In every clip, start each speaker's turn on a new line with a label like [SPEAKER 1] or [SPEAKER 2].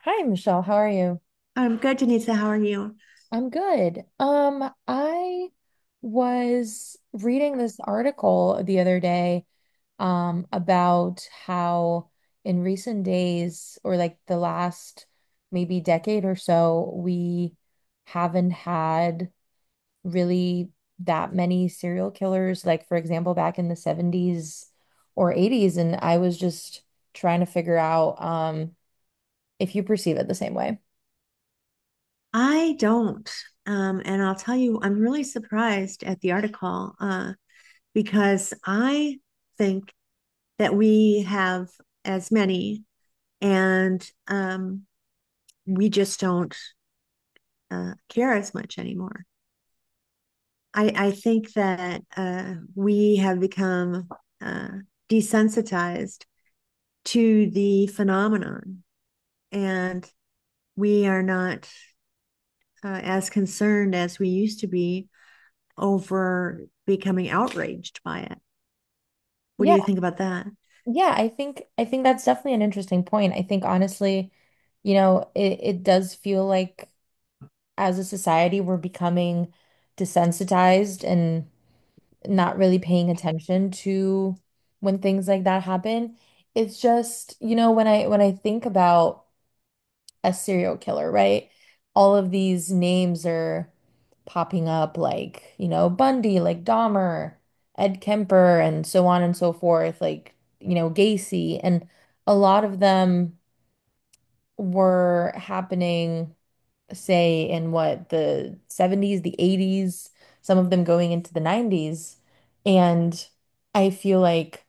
[SPEAKER 1] Hi, Michelle. How are you?
[SPEAKER 2] I'm good, Denisa. How are you?
[SPEAKER 1] I'm good. I was reading this article the other day, about how in recent days, or like the last maybe decade or so, we haven't had really that many serial killers. Like, for example, back in the 70s or 80s, and I was just trying to figure out, if you perceive it the same way.
[SPEAKER 2] I don't. And I'll tell you, I'm really surprised at the article because I think that we have as many and we just don't care as much anymore. I think that we have become uh, desensitized to the phenomenon and we are not as concerned as we used to be over becoming outraged by it. What do
[SPEAKER 1] Yeah.
[SPEAKER 2] you think about that?
[SPEAKER 1] Yeah, I think that's definitely an interesting point. I think honestly, it does feel like as a society we're becoming desensitized and not really paying attention to when things like that happen. It's just, when I think about a serial killer, right? All of these names are popping up, like, Bundy, like Dahmer, Ed Kemper, and so on and so forth, like, Gacy. And a lot of them were happening, say, in what, the 70s, the 80s, some of them going into the 90s. And I feel like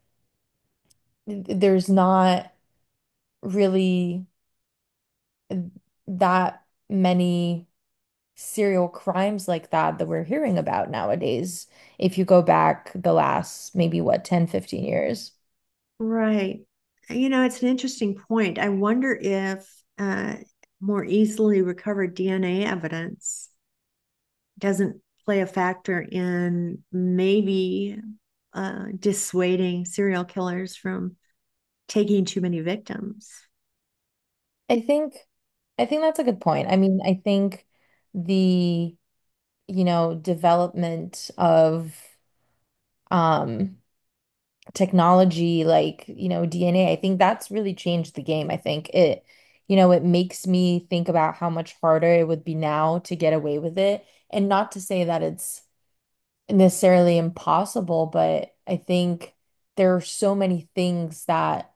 [SPEAKER 1] there's not really that many serial crimes like that that we're hearing about nowadays, if you go back the last maybe what 10-15 years.
[SPEAKER 2] Right. You know, it's an interesting point. I wonder if uh, more easily recovered DNA evidence doesn't play a factor in maybe dissuading serial killers from taking too many victims.
[SPEAKER 1] I think I think that's a good point. I mean, I think the development of um technology like, DNA, I think that's really changed the game. I think it makes me think about how much harder it would be now to get away with it. And not to say that it's necessarily impossible, but I think there are so many things that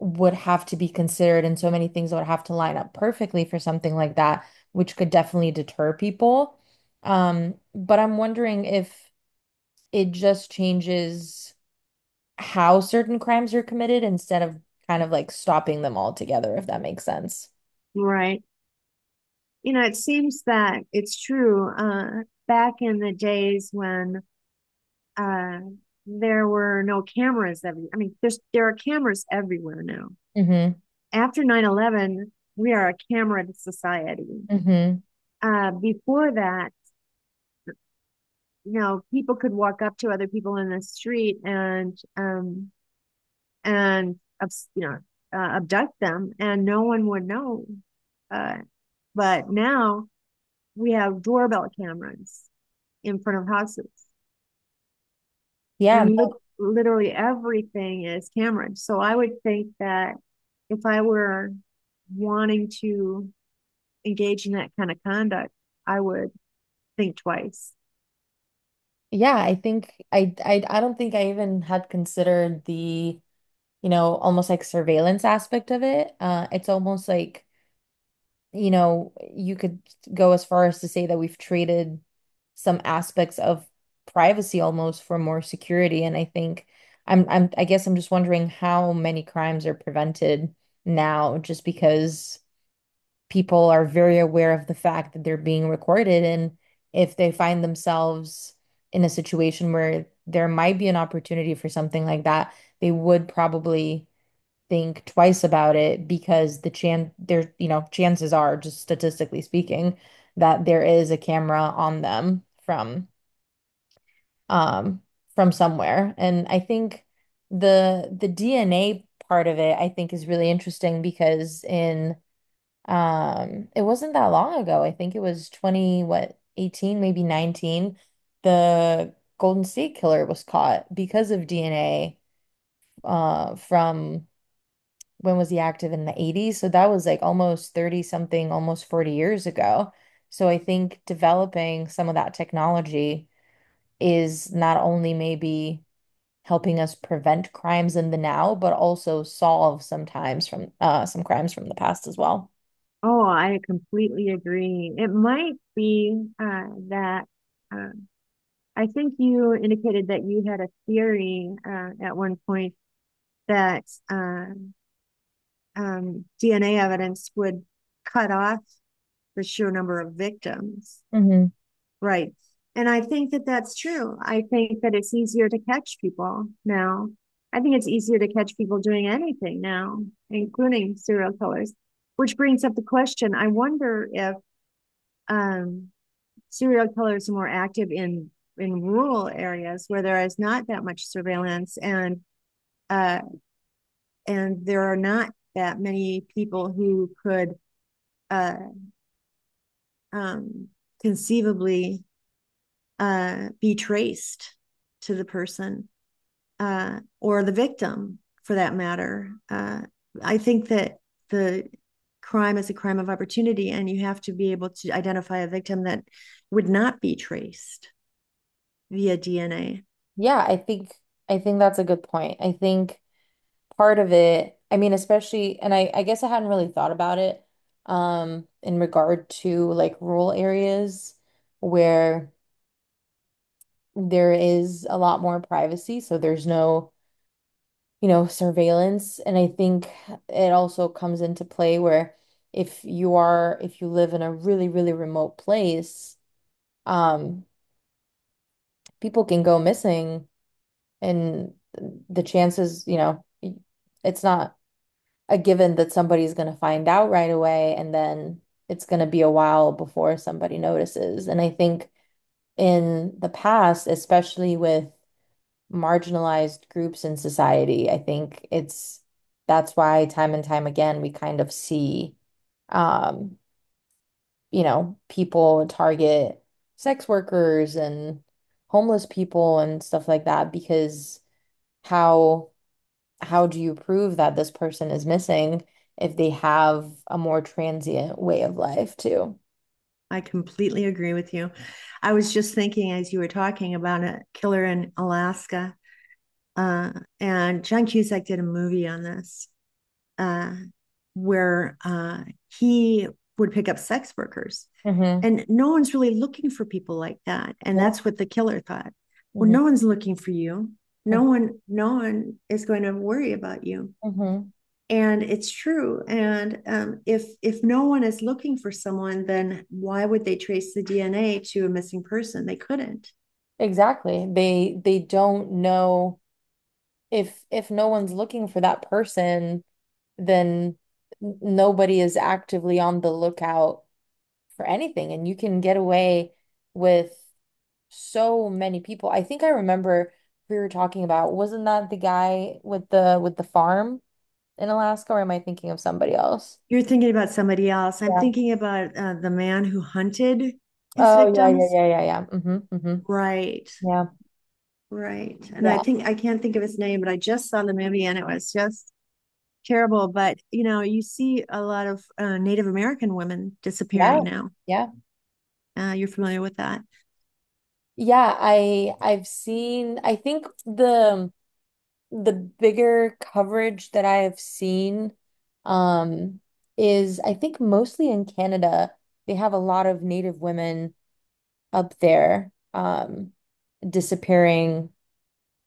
[SPEAKER 1] would have to be considered and so many things that would have to line up perfectly for something like that, which could definitely deter people. But I'm wondering if it just changes how certain crimes are committed instead of kind of like stopping them altogether, if that makes sense.
[SPEAKER 2] Right. You know, it seems that it's true. Back in the days when uh, there were no cameras every I mean there are cameras everywhere now
[SPEAKER 1] Hmm.
[SPEAKER 2] after 9/11. We are a camera society
[SPEAKER 1] Hmm.
[SPEAKER 2] uh, Before that, you know, people could walk up to other people in the street and you know, abduct them and no one would know, uh, but now we have doorbell cameras in front of houses
[SPEAKER 1] Yeah.
[SPEAKER 2] and lit literally everything is Cameron. So I would think that if I were wanting to engage in that kind of conduct, I would think twice.
[SPEAKER 1] Yeah, I think I don't think I even had considered the almost like surveillance aspect of it. It's almost like, you could go as far as to say that we've traded some aspects of privacy almost for more security. And I think I guess I'm just wondering how many crimes are prevented now just because people are very aware of the fact that they're being recorded. And if they find themselves in a situation where there might be an opportunity for something like that, they would probably think twice about it because there, chances are, just statistically speaking, that there is a camera on them from um from somewhere. And I think the DNA part of it, I think, is really interesting because in it wasn't that long ago. I think it was 20, what, 18, maybe 19, the Golden State Killer was caught because of DNA from when was he active in the 80s? So that was like almost 30 something, almost 40 years ago. So I think developing some of that technology is not only maybe helping us prevent crimes in the now, but also solve sometimes from some crimes from the past as well.
[SPEAKER 2] Oh, I completely agree. It might be that uh, I think you indicated that you had a theory at one point that uh, DNA evidence would cut off the sheer number of victims.
[SPEAKER 1] Hmm.
[SPEAKER 2] Right. And I think that that's true. I think that it's easier to catch people now. I think it's easier to catch people doing anything now, including serial killers, which brings up the question. I wonder if um, serial killers are more active in rural areas where there is not that much surveillance uh, and there are not that many people who could uh, um, conceivably be traced to the person, or the victim for that matter. I think that the crime is a crime of opportunity, and you have to be able to identify a victim that would not be traced via DNA.
[SPEAKER 1] Yeah, I think that's a good point. I think part of it, I mean, especially, and I guess I hadn't really thought about it in regard to like rural areas where there is a lot more privacy, so there's no, surveillance. And I think it also comes into play where if you live in a really, really remote place, um, people can go missing and the chances, it's not a given that somebody's going to find out right away and then it's going to be a while before somebody notices. And I think in the past, especially with marginalized groups in society. I think it's that's why time and time again we kind of see um, people target sex workers and homeless people and stuff like that because how how do you prove that this person is missing if they have a more transient way of life too?
[SPEAKER 2] I completely agree with you. I was just thinking as you were talking about a killer in Alaska. Uh, and John Cusack did a movie on this, uh, where he would pick up sex workers.
[SPEAKER 1] Mm-hmm.
[SPEAKER 2] And no one's really looking for people like that. And
[SPEAKER 1] Yeah.
[SPEAKER 2] that's what the killer thought. Well,
[SPEAKER 1] Mm-hmm.
[SPEAKER 2] no one's looking for you. No
[SPEAKER 1] Mm-hmm.
[SPEAKER 2] one, no one is going to worry about you,
[SPEAKER 1] Mm-hmm.
[SPEAKER 2] and it's true. And if no one is looking for someone, then why would they trace the DNA to a missing person? They couldn't.
[SPEAKER 1] Exactly. They don't know if no one's looking for that person, then nobody is actively on the lookout for anything, and you can get away with so many people. I think I remember we were talking about, wasn't that the guy with the farm in Alaska, or am I thinking of somebody else?
[SPEAKER 2] You're thinking about somebody else. I'm
[SPEAKER 1] Yeah.
[SPEAKER 2] thinking about the man who hunted his
[SPEAKER 1] Oh, yeah, yeah,
[SPEAKER 2] victims.
[SPEAKER 1] yeah, yeah, yeah. Mm-hmm, mm-hmm.
[SPEAKER 2] Right.
[SPEAKER 1] Yeah.
[SPEAKER 2] Right. And I
[SPEAKER 1] Yeah.
[SPEAKER 2] think I can't think of his name, but I just saw the movie and it was just terrible. But you know, you see a lot of Native American women
[SPEAKER 1] Yeah.
[SPEAKER 2] disappearing now.
[SPEAKER 1] Yeah.
[SPEAKER 2] You're familiar with that,
[SPEAKER 1] Yeah, I've seen I think the bigger coverage that I have seen um, is I think mostly in Canada, they have a lot of Native women up there disappearing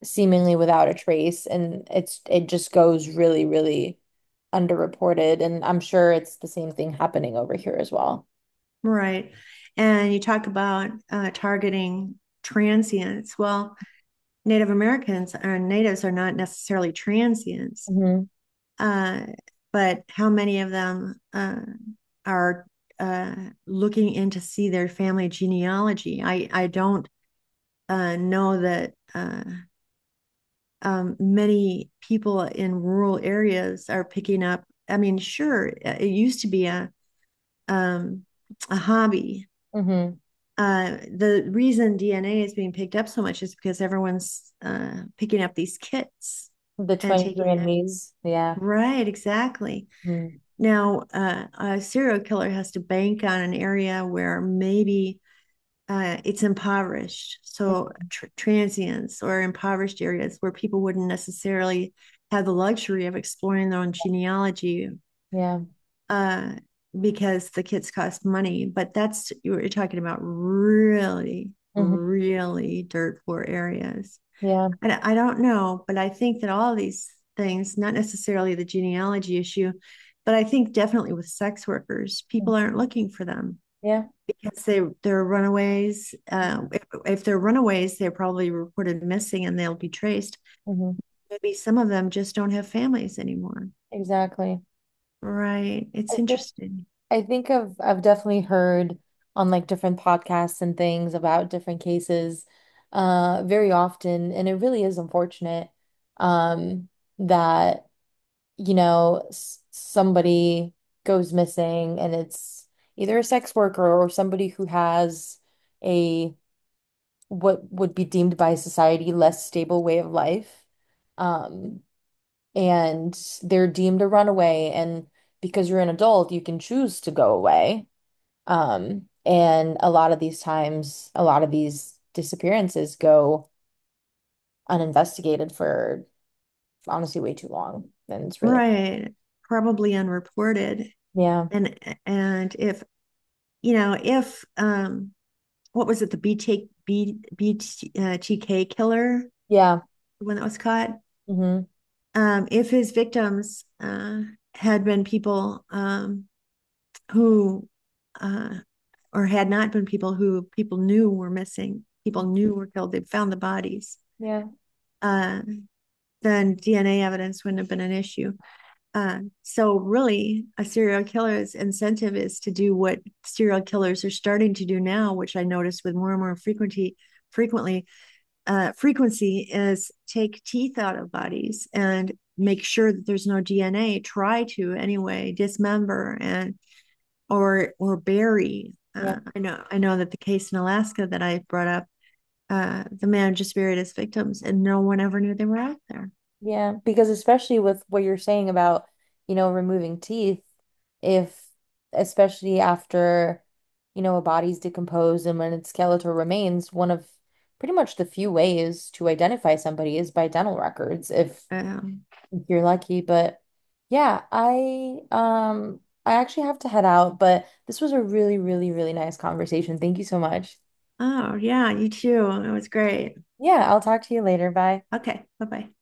[SPEAKER 1] seemingly without a trace, and it just goes really, really underreported, and I'm sure it's the same thing happening over here as well.
[SPEAKER 2] right? And you talk about targeting transients. Well, Native Americans or natives are not necessarily transients,
[SPEAKER 1] Hmm.
[SPEAKER 2] uh, but how many of them are uh, looking in to see their family genealogy? I don't know that many people in rural areas are picking up. I mean, sure, it used to be um, a hobby.
[SPEAKER 1] Hmm.
[SPEAKER 2] The reason DNA is being picked up so much is because everyone's picking up these kits
[SPEAKER 1] The
[SPEAKER 2] and taking their,
[SPEAKER 1] 23andMe's, and Me's.
[SPEAKER 2] right, exactly. Now a serial killer has to bank on an area where maybe it's impoverished. So transients or impoverished areas where people wouldn't necessarily have the luxury of exploring their own genealogy,
[SPEAKER 1] Yeah. Mm.
[SPEAKER 2] uh, because the kits cost money. But that's, you're talking about really,
[SPEAKER 1] Yeah. Hmm.
[SPEAKER 2] really dirt poor areas.
[SPEAKER 1] Yeah.
[SPEAKER 2] And I don't know, but I think that all these things, not necessarily the genealogy issue, but I think definitely with sex workers,
[SPEAKER 1] Mhm.
[SPEAKER 2] people aren't looking for them.
[SPEAKER 1] Yeah.
[SPEAKER 2] Yes, they're runaways. If they're runaways, they're probably reported missing and they'll be traced.
[SPEAKER 1] Hmm.
[SPEAKER 2] Maybe some of them just don't have families anymore.
[SPEAKER 1] Exactly.
[SPEAKER 2] Right.
[SPEAKER 1] I
[SPEAKER 2] It's
[SPEAKER 1] think
[SPEAKER 2] interesting.
[SPEAKER 1] I think I've definitely heard on like different podcasts and things about different cases very often and it really is unfortunate um that you know s somebody goes missing and it's either a sex worker or somebody who has a, what would be deemed by society, less stable way of life, um and they're deemed a runaway, and because you're an adult you can choose to go away, and a lot of these times, a lot of these disappearances go uninvestigated for honestly way too long. And it's really.
[SPEAKER 2] Right. Probably unreported.
[SPEAKER 1] Yeah,
[SPEAKER 2] And and if you know, if what was it, the BT, killer,
[SPEAKER 1] yeah.
[SPEAKER 2] the one that was caught?
[SPEAKER 1] Hmm.
[SPEAKER 2] If his victims had been people who uh or had not been people who people knew were missing, people knew were killed, they found the bodies,
[SPEAKER 1] Yeah,
[SPEAKER 2] uh, then DNA evidence wouldn't have been an issue. So really, a serial killer's incentive is to do what serial killers are starting to do now, which I notice with more and more frequency. Frequently, Frequency is take teeth out of bodies and make sure that there's no DNA. Try to anyway dismember and or bury.
[SPEAKER 1] yeah,
[SPEAKER 2] I know that the case in Alaska that I brought up, the man just buried his victims, and no one ever knew they were out there.
[SPEAKER 1] yeah. Because especially with what you're saying about, removing teeth, if especially after, a body's decomposed and when its skeletal remains, one of pretty much the few ways to identify somebody is by dental records. If
[SPEAKER 2] Um,
[SPEAKER 1] if you're lucky, but yeah, I actually have to head out, but this was a really, really, really nice conversation. Thank you so much.
[SPEAKER 2] oh yeah, you too. It was great.
[SPEAKER 1] Yeah, I'll talk to you later. Bye.
[SPEAKER 2] Okay, bye bye.